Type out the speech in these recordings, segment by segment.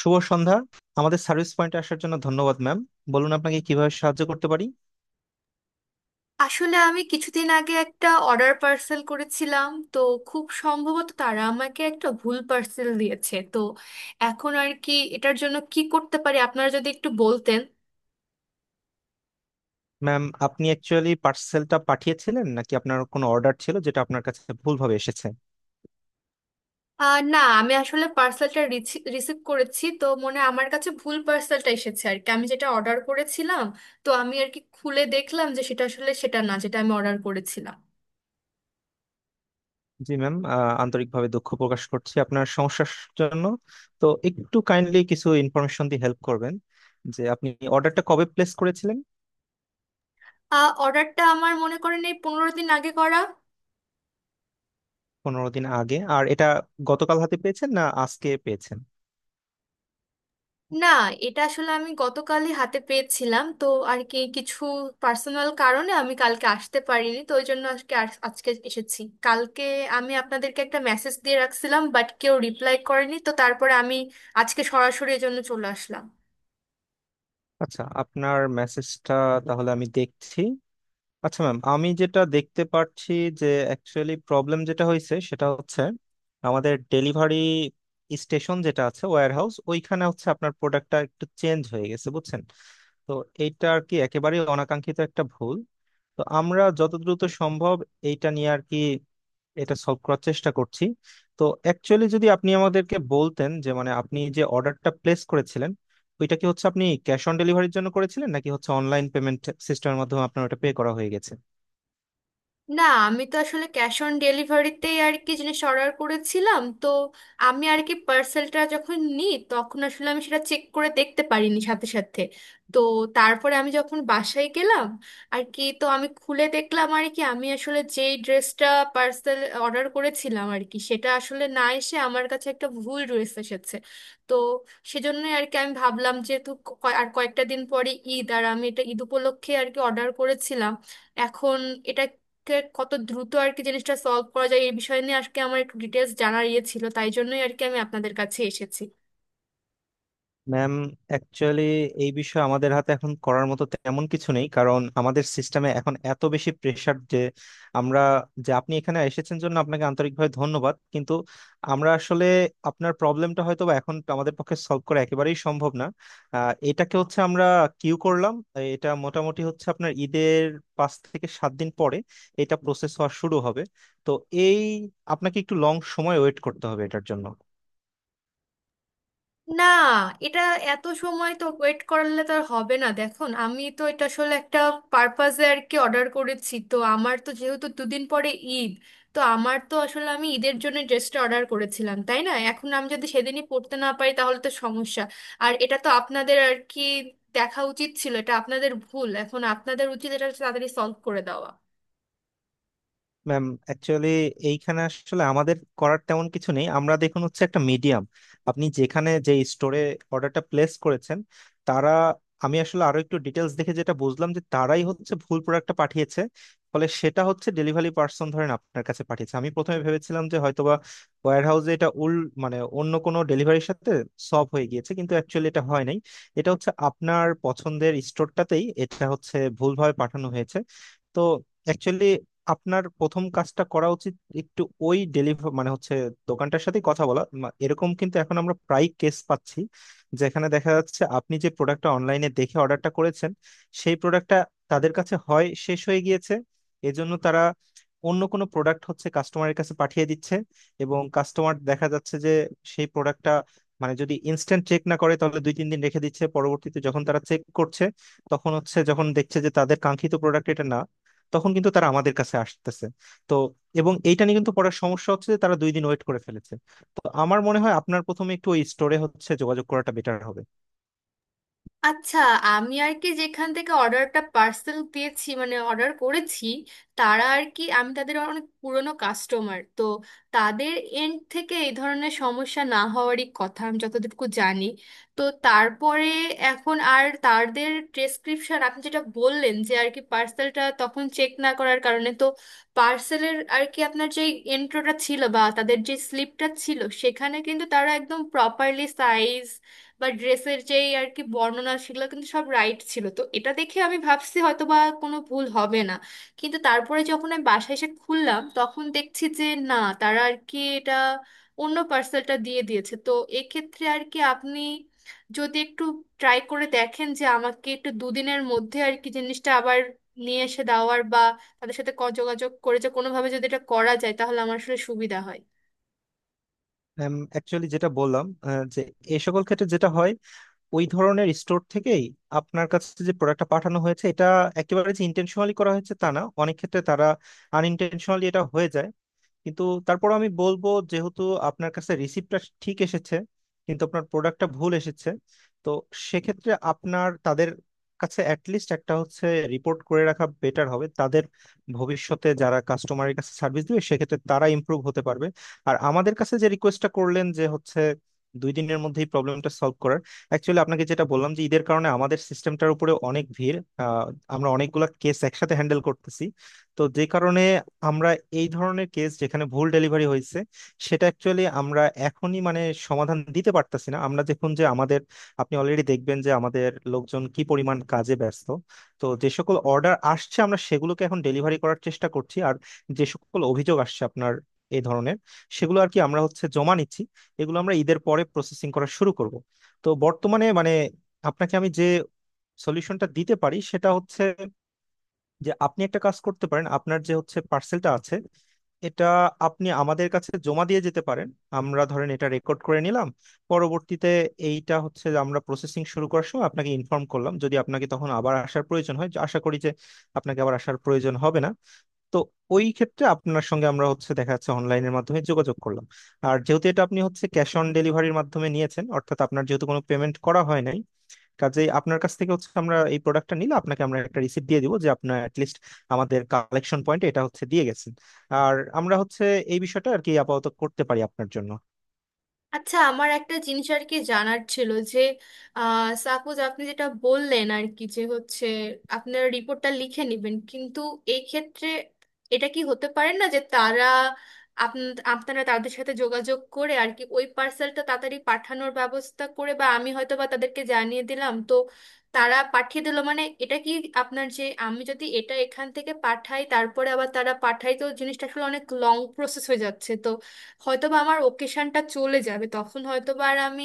শুভ সন্ধ্যা। আমাদের সার্ভিস পয়েন্টে আসার জন্য ধন্যবাদ ম্যাম। বলুন আপনাকে কিভাবে সাহায্য করতে পারি। আসলে আমি কিছুদিন আগে একটা অর্ডার পার্সেল করেছিলাম তো, খুব সম্ভবত তারা আমাকে একটা ভুল পার্সেল দিয়েছে। তো এখন আর কি এটার জন্য কি করতে পারি আপনারা যদি একটু বলতেন। ম্যাম, আপনি অ্যাকচুয়ালি পার্সেলটা পাঠিয়েছিলেন নাকি আপনার কোনো অর্ডার ছিল যেটা আপনার কাছে ভুলভাবে এসেছে? না, আমি আসলে পার্সেলটা রিসিভ করেছি, তো মনে হয় আমার কাছে ভুল পার্সেলটা এসেছে আর কি। আমি যেটা অর্ডার করেছিলাম, তো আমি আর কি খুলে দেখলাম যে সেটা আসলে সেটা না যেটা আমি অর্ডার করেছিলাম। জি ম্যাম, আন্তরিকভাবে দুঃখ প্রকাশ করছি আপনার সমস্যার জন্য। তো একটু কাইন্ডলি কিছু ইনফরমেশন দিয়ে হেল্প করবেন যে আপনি অর্ডারটা কবে প্লেস করেছিলেন। অর্ডারটা আমার মনে করেন এই 15 দিন আগে করা। 15 দিন আগে আর এটা গতকাল হাতে পেয়েছেন না আজকে পেয়েছেন? না, এটা আসলে আমি গতকালই হাতে পেয়েছিলাম। তো আর কি কিছু পার্সোনাল কারণে আমি কালকে আসতে পারিনি, তো ওই জন্য আজকে আজকে এসেছি। কালকে আমি আপনাদেরকে একটা মেসেজ দিয়ে রাখছিলাম, বাট কেউ রিপ্লাই করেনি, তো তারপরে আমি আজকে সরাসরি এজন্য চলে আসলাম। আচ্ছা, আপনার মেসেজটা তাহলে আমি দেখছি। আচ্ছা ম্যাম, আমি যেটা দেখতে পাচ্ছি যে অ্যাকচুয়ালি প্রবলেম যেটা হয়েছে সেটা হচ্ছে আমাদের ডেলিভারি স্টেশন যেটা আছে ওয়্যার হাউস, ওইখানে হচ্ছে আপনার প্রোডাক্টটা একটু চেঞ্জ হয়ে গেছে, বুঝছেন। তো এইটা আর কি একেবারেই অনাকাঙ্ক্ষিত একটা ভুল। তো আমরা যত দ্রুত সম্ভব এইটা নিয়ে আর কি এটা সলভ করার চেষ্টা করছি। তো অ্যাকচুয়ালি যদি আপনি আমাদেরকে বলতেন যে মানে আপনি যে অর্ডারটা প্লেস করেছিলেন ওইটা কি হচ্ছে আপনি ক্যাশ অন ডেলিভারির জন্য করেছিলেন নাকি হচ্ছে অনলাইন পেমেন্ট সিস্টেমের মাধ্যমে আপনার ওটা পে করা হয়ে গেছে? না, আমি তো আসলে ক্যাশ অন ডেলিভারিতেই আর কি জিনিস অর্ডার করেছিলাম। তো আমি আর কি পার্সেলটা যখন নিই তখন আসলে আমি সেটা চেক করে দেখতে পারিনি সাথে সাথে। তো তারপরে আমি যখন বাসায় গেলাম আর কি, তো আমি খুলে দেখলাম আর কি আমি আসলে যেই ড্রেসটা পার্সেল অর্ডার করেছিলাম আর কি, সেটা আসলে না এসে আমার কাছে একটা ভুল ড্রেস এসেছে। তো সেজন্যই আর কি আমি ভাবলাম, যেহেতু আর কয়েকটা দিন পরে ঈদ আর আমি এটা ঈদ উপলক্ষে আর কি অর্ডার করেছিলাম, এখন এটা কত দ্রুত আর কি জিনিসটা সলভ করা যায় এই বিষয় নিয়ে আজকে আমার একটু ডিটেলস জানার ইয়ে ছিল, তাই জন্যই আর কি আমি আপনাদের কাছে এসেছি। ম্যাম অ্যাকচুয়ালি এই বিষয়ে আমাদের হাতে এখন করার মতো তেমন কিছু নেই কারণ আমাদের সিস্টেমে এখন এত বেশি প্রেসার যে আমরা, যে আপনি এখানে এসেছেন জন্য আপনাকে আন্তরিকভাবে ধন্যবাদ, কিন্তু আমরা আসলে আপনার প্রবলেমটা হয়তো বা এখন আমাদের পক্ষে সলভ করা একেবারেই সম্ভব না। এটাকে হচ্ছে আমরা কিউ করলাম। এটা মোটামুটি হচ্ছে আপনার ঈদের 5 থেকে 7 দিন পরে এটা প্রসেস হওয়া শুরু হবে। তো এই আপনাকে একটু লং সময় ওয়েট করতে হবে এটার জন্য। না, এটা এত সময় তো ওয়েট করলে তো আর হবে না। দেখুন, আমি তো এটা আসলে একটা পারপাজে আর কি অর্ডার করেছি, তো আমার তো যেহেতু দুদিন পরে ঈদ, তো আমার তো আসলে আমি ঈদের জন্য ড্রেসটা অর্ডার করেছিলাম, তাই না? এখন আমি যদি সেদিনই পরতে না পারি তাহলে তো সমস্যা। আর এটা তো আপনাদের আর কি দেখা উচিত ছিল, এটা আপনাদের ভুল, এখন আপনাদের উচিত এটা তাড়াতাড়ি সলভ করে দেওয়া। ম্যাম অ্যাকচুয়ালি এইখানে আসলে আমাদের করার তেমন কিছু নেই, আমরা দেখুন হচ্ছে একটা মিডিয়াম। আপনি যেখানে যে স্টোরে অর্ডারটা প্লেস করেছেন তারা, আমি আসলে আরো একটু ডিটেলস দেখে যেটা বুঝলাম যে তারাই হচ্ছে ভুল প্রোডাক্টটা পাঠিয়েছে। ফলে সেটা হচ্ছে ডেলিভারি পার্সন ধরেন আপনার কাছে পাঠিয়েছে। আমি প্রথমে ভেবেছিলাম যে হয়তোবা ওয়্যার হাউসে এটা মানে অন্য কোনো ডেলিভারির সাথে সব হয়ে গিয়েছে, কিন্তু অ্যাকচুয়ালি এটা হয় নাই। এটা হচ্ছে আপনার পছন্দের স্টোরটাতেই এটা হচ্ছে ভুলভাবে পাঠানো হয়েছে। তো অ্যাকচুয়ালি আপনার প্রথম কাজটা করা উচিত একটু ওই ডেলিভার মানে হচ্ছে দোকানটার সাথে কথা বলা এরকম, কিন্তু এখন আমরা প্রায় কেস পাচ্ছি যেখানে দেখা যাচ্ছে আপনি যে প্রোডাক্টটা অনলাইনে দেখে অর্ডারটা করেছেন সেই প্রোডাক্টটা তাদের কাছে হয় শেষ হয়ে গিয়েছে। এজন্য তারা অন্য কোনো প্রোডাক্ট হচ্ছে কাস্টমারের কাছে পাঠিয়ে দিচ্ছে এবং কাস্টমার দেখা যাচ্ছে যে সেই প্রোডাক্টটা মানে যদি ইনস্ট্যান্ট চেক না করে তাহলে দুই তিন দিন রেখে দিচ্ছে, পরবর্তীতে যখন তারা চেক করছে তখন হচ্ছে যখন দেখছে যে তাদের কাঙ্ক্ষিত প্রোডাক্ট এটা না তখন কিন্তু তারা আমাদের কাছে আসতেছে। তো এবং এইটা নিয়ে কিন্তু পড়ার সমস্যা হচ্ছে যে তারা 2 দিন ওয়েট করে ফেলেছে। তো আমার মনে হয় আপনার প্রথমে একটু ওই স্টোরে হচ্ছে যোগাযোগ করাটা বেটার হবে। আচ্ছা, আমি আর কি যেখান থেকে অর্ডারটা পার্সেল দিয়েছি, মানে অর্ডার করেছি, তারা আর কি, আমি তাদের অনেক পুরনো কাস্টমার, তো তাদের এন্ড থেকে এই ধরনের সমস্যা না হওয়ারই কথা আমি যতটুকু জানি। তো তারপরে এখন আর তাদের প্রেসক্রিপশন আপনি যেটা বললেন যে আর কি পার্সেলটা তখন চেক না করার কারণে, তো পার্সেলের আর কি আপনার যে এন্ট্রোটা ছিল বা তাদের যে স্লিপটা ছিল, সেখানে কিন্তু তারা একদম প্রপারলি সাইজ বা ড্রেসের যেই আর কি বর্ণনা, সেগুলো কিন্তু সব রাইট ছিল। তো এটা দেখে আমি ভাবছি হয়তো বা কোনো ভুল হবে না। কিন্তু তারপরে যখন আমি বাসায় এসে খুললাম তখন দেখছি যে না, তারা আর কি এটা অন্য পার্সেলটা দিয়ে দিয়েছে। তো এক্ষেত্রে আর কি আপনি যদি একটু ট্রাই করে দেখেন যে আমাকে একটু দুদিনের মধ্যে আর কি জিনিসটা আবার নিয়ে এসে দেওয়ার বা তাদের সাথে যোগাযোগ করে যে কোনোভাবে যদি এটা করা যায় তাহলে আমার আসলে সুবিধা হয়। অ্যাকচুয়ালি যেটা বললাম যে এই সকল ক্ষেত্রে যেটা হয় ওই ধরনের স্টোর থেকেই আপনার কাছে যে প্রোডাক্টটা পাঠানো হয়েছে এটা একেবারে যে ইন্টেনশনালি করা হয়েছে তা না, অনেক ক্ষেত্রে তারা আনইনটেনশনালি এটা হয়ে যায়। কিন্তু তারপর আমি বলবো যেহেতু আপনার কাছে রিসিপ্টটা ঠিক এসেছে কিন্তু আপনার প্রোডাক্টটা ভুল এসেছে, তো সেক্ষেত্রে আপনার তাদের কাছে অ্যাটলিস্ট একটা হচ্ছে রিপোর্ট করে রাখা বেটার হবে। তাদের ভবিষ্যতে যারা কাস্টমারের কাছে সার্ভিস দিবে সেক্ষেত্রে তারা ইমপ্রুভ হতে পারবে। আর আমাদের কাছে যে রিকোয়েস্টটা করলেন যে হচ্ছে 2 দিনের মধ্যেই প্রবলেমটা সলভ করার, অ্যাকচুয়ালি আপনাকে যেটা বললাম যে ঈদের কারণে আমাদের সিস্টেমটার উপরে অনেক ভিড়। আহ, আমরা অনেকগুলা কেস একসাথে হ্যান্ডেল করতেছি। তো যে কারণে আমরা এই ধরনের কেস যেখানে ভুল ডেলিভারি হয়েছে সেটা অ্যাকচুয়ালি আমরা এখনই মানে সমাধান দিতে পারতাছি না। আমরা দেখুন যে আমাদের, আপনি অলরেডি দেখবেন যে আমাদের লোকজন কি পরিমাণ কাজে ব্যস্ত। তো যে সকল অর্ডার আসছে আমরা সেগুলোকে এখন ডেলিভারি করার চেষ্টা করছি আর যে সকল অভিযোগ আসছে আপনার এই ধরনের, সেগুলো আর কি আমরা হচ্ছে জমা নিচ্ছি। এগুলো আমরা ঈদের পরে প্রসেসিং করা শুরু করব। তো বর্তমানে মানে আপনাকে আমি যে সলিউশনটা দিতে পারি সেটা হচ্ছে যে আপনি একটা কাজ করতে পারেন, আপনার যে হচ্ছে পার্সেলটা আছে এটা আপনি আমাদের কাছে জমা দিয়ে যেতে পারেন। আমরা ধরেন এটা রেকর্ড করে নিলাম, পরবর্তীতে এইটা হচ্ছে যে আমরা প্রসেসিং শুরু করার সময় আপনাকে ইনফর্ম করলাম যদি আপনাকে তখন আবার আসার প্রয়োজন হয়, যা আশা করি যে আপনাকে আবার আসার প্রয়োজন হবে না। তো ওই ক্ষেত্রে আপনার সঙ্গে আমরা হচ্ছে দেখা যাচ্ছে অনলাইনের মাধ্যমে যোগাযোগ করলাম। আর যেহেতু এটা আপনি হচ্ছে ক্যাশ অন ডেলিভারির মাধ্যমে নিয়েছেন অর্থাৎ আপনার যেহেতু কোনো পেমেন্ট করা হয়নি, কাজেই আপনার কাছ থেকে হচ্ছে আমরা এই প্রোডাক্টটা নিলে আপনাকে আমরা একটা রিসিপ্ট দিয়ে দিব যে আপনার অ্যাটলিস্ট আমাদের কালেকশন পয়েন্টে এটা হচ্ছে দিয়ে গেছেন। আর আমরা হচ্ছে এই বিষয়টা আর কি আপাতত করতে পারি আপনার জন্য। আচ্ছা, আমার একটা জিনিস আর কি জানার ছিল যে সাপোজ আপনি যেটা বললেন আর কি যে হচ্ছে আপনারা রিপোর্টটা লিখে নেবেন, কিন্তু এই ক্ষেত্রে এটা কি হতে পারে না যে তারা আপনারা তাদের সাথে যোগাযোগ করে আর কি ওই পার্সেলটা তাড়াতাড়ি পাঠানোর ব্যবস্থা করে, বা আমি হয়তো বা তাদেরকে জানিয়ে দিলাম, তো তারা পাঠিয়ে দিলো, মানে এটা কি আপনার যে আমি যদি এটা এখান থেকে পাঠাই তারপরে আবার তারা পাঠাই, তো জিনিসটা আসলে অনেক লং প্রসেস হয়ে যাচ্ছে। তো হয়তো বা আমার ওকেশনটা চলে যাবে, তখন হয়তো বা আর আমি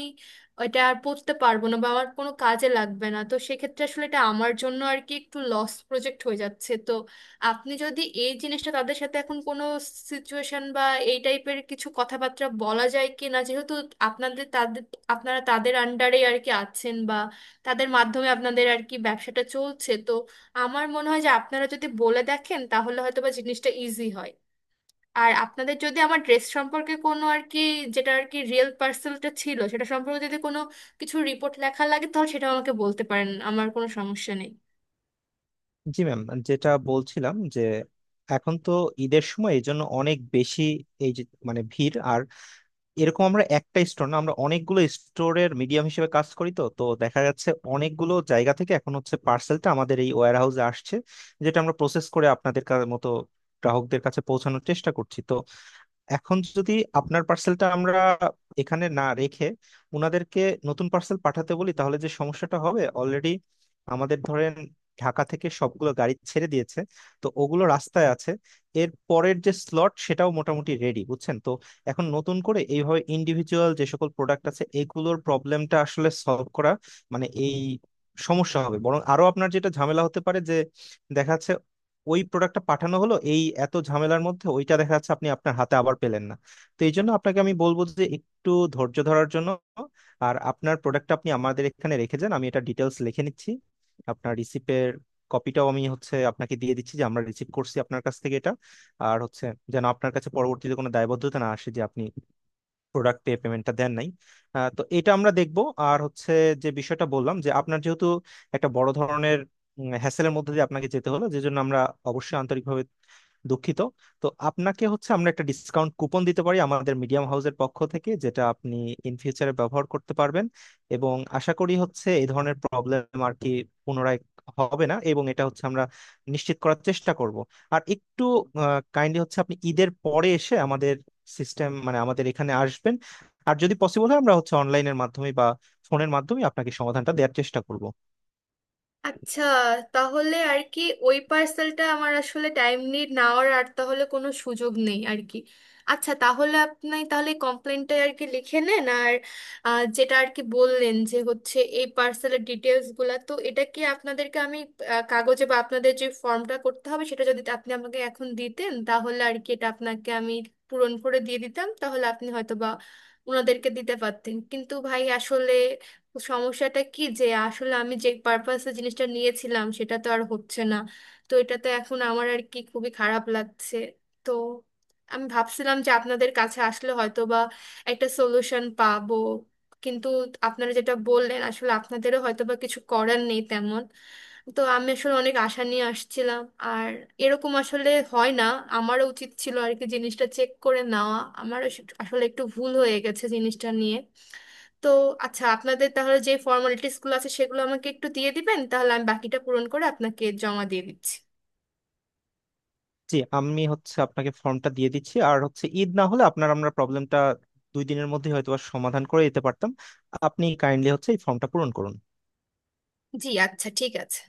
এটা আর পড়তে পারবো না বা আমার কোনো কাজে লাগবে না, তো সেক্ষেত্রে আসলে এটা আমার জন্য আর কি একটু লস প্রজেক্ট হয়ে যাচ্ছে। তো আপনি যদি এই জিনিসটা তাদের সাথে এখন কোনো সিচুয়েশন বা এই টাইপের কিছু কথাবার্তা বলা যায় কি না, যেহেতু আপনাদের তাদের, আপনারা তাদের আন্ডারে আর কি আছেন বা তাদের মাধ্যমে আপনাদের আর কি ব্যবসাটা চলছে, তো আমার মনে হয় যে আপনারা যদি বলে দেখেন তাহলে হয়তো বা জিনিসটা ইজি হয়। আর আপনাদের যদি আমার ড্রেস সম্পর্কে কোনো আর কি, যেটা আর কি রিয়েল পার্সেলটা ছিল সেটা সম্পর্কে যদি কোনো কিছু রিপোর্ট লেখা লাগে তাহলে সেটাও আমাকে বলতে পারেন, আমার কোনো সমস্যা নেই। জি ম্যাম, যেটা বলছিলাম যে এখন তো ঈদের সময় এই জন্য অনেক বেশি এই যে মানে ভিড় আর এরকম। আমরা একটা স্টোর না, আমরা অনেকগুলো স্টোরের মিডিয়াম হিসেবে কাজ করি। তো তো দেখা যাচ্ছে অনেকগুলো জায়গা থেকে এখন হচ্ছে পার্সেলটা আমাদের এই ওয়্যার হাউসে আসছে, যেটা আমরা প্রসেস করে আপনাদের মতো গ্রাহকদের কাছে পৌঁছানোর চেষ্টা করছি। তো এখন যদি আপনার পার্সেলটা আমরা এখানে না রেখে ওনাদেরকে নতুন পার্সেল পাঠাতে বলি তাহলে যে সমস্যাটা হবে, অলরেডি আমাদের ধরেন ঢাকা থেকে সবগুলো গাড়ি ছেড়ে দিয়েছে, তো ওগুলো রাস্তায় আছে। এর পরের যে স্লট সেটাও মোটামুটি রেডি, বুঝছেন। তো এখন নতুন করে এইভাবে ইন্ডিভিজুয়াল যে সকল প্রোডাক্ট আছে এগুলোর প্রবলেমটা আসলে সলভ করা মানে এই সমস্যা হবে। বরং আরো আপনার যেটা ঝামেলা হতে পারে যে দেখাচ্ছে ওই প্রোডাক্টটা পাঠানো হলো এই এত ঝামেলার মধ্যে ওইটা দেখা যাচ্ছে আপনি আপনার হাতে আবার পেলেন না। তো এই জন্য আপনাকে আমি বলবো যে একটু ধৈর্য ধরার জন্য। আর আপনার প্রোডাক্টটা আপনি আমাদের এখানে রেখে যান, আমি এটা ডিটেলস লিখে নিচ্ছি। আপনার রিসিপের কপিটাও আমি হচ্ছে আপনাকে দিয়ে দিচ্ছি যে আমরা রিসিভ করছি আপনার কাছ থেকে এটা। আর হচ্ছে যেন আপনার কাছে পরবর্তীতে কোনো দায়বদ্ধতা না আসে যে আপনি প্রোডাক্টে পেমেন্টটা দেন নাই। তো এটা আমরা দেখব। আর হচ্ছে যে বিষয়টা বললাম যে আপনার যেহেতু একটা বড় ধরনের হ্যাসেলের মধ্যে দিয়ে আপনাকে যেতে হলো, যে জন্য আমরা অবশ্যই আন্তরিকভাবে দুঃখিত। তো আপনাকে হচ্ছে আমরা একটা ডিসকাউন্ট কুপন দিতে পারি আমাদের মিডিয়াম হাউসের পক্ষ থেকে, যেটা আপনি ইন ফিউচারে ব্যবহার করতে পারবেন। এবং আশা করি হচ্ছে এই ধরনের প্রবলেম আর কি পুনরায় হবে না এবং এটা হচ্ছে আমরা নিশ্চিত করার চেষ্টা করব। আর একটু কাইন্ডলি হচ্ছে আপনি ঈদের পরে এসে আমাদের সিস্টেম মানে আমাদের এখানে আসবেন। আর যদি পসিবল হয় আমরা হচ্ছে অনলাইনের মাধ্যমে বা ফোনের মাধ্যমে আপনাকে সমাধানটা দেওয়ার চেষ্টা করব। আচ্ছা, তাহলে আর কি ওই পার্সেলটা আমার আসলে টাইম নিয়ে নেওয়ার আর তাহলে কোনো সুযোগ নেই আর কি। আচ্ছা, তাহলে আপনি তাহলে কমপ্লেনটা আর কি লিখে নেন। আর যেটা আর কি বললেন যে হচ্ছে এই পার্সেলের ডিটেলসগুলো, তো এটা কি আপনাদেরকে আমি কাগজে বা আপনাদের যে ফর্মটা করতে হবে সেটা যদি আপনি আমাকে এখন দিতেন তাহলে আর কি এটা আপনাকে আমি পূরণ করে দিয়ে দিতাম, তাহলে আপনি হয়তো বা ওনাদেরকে দিতে পারতেন। কিন্তু ভাই আসলে সমস্যাটা কি, যে আসলে আমি যে পারপাসে জিনিসটা নিয়েছিলাম সেটা তো আর হচ্ছে না। তো এটা তো এখন আমার আর কি খুবই খারাপ লাগছে। তো আমি ভাবছিলাম যে আপনাদের কাছে আসলে হয়তো বা একটা সলিউশন পাবো, কিন্তু আপনারা যেটা বললেন আসলে আপনাদেরও হয়তো বা কিছু করার নেই তেমন। তো আমি আসলে অনেক আশা নিয়ে আসছিলাম, আর এরকম আসলে হয় না। আমারও উচিত ছিল আর কি জিনিসটা চেক করে নেওয়া, আমারও আসলে একটু ভুল হয়ে গেছে জিনিসটা নিয়ে। তো আচ্ছা, আপনাদের তাহলে যে ফর্মালিটিস গুলো আছে সেগুলো আমাকে একটু দিয়ে দিবেন, তাহলে আমি বাকিটা পূরণ করে আপনাকে জমা দিয়ে দিচ্ছি। জি আমি হচ্ছে আপনাকে ফর্মটা দিয়ে দিচ্ছি আর হচ্ছে ঈদ না হলে আপনার আমরা প্রবলেমটা 2 দিনের মধ্যে হয়তো সমাধান করে দিতে পারতাম। আপনি কাইন্ডলি হচ্ছে এই ফর্মটা পূরণ করুন। জি, আচ্ছা, ঠিক আছে।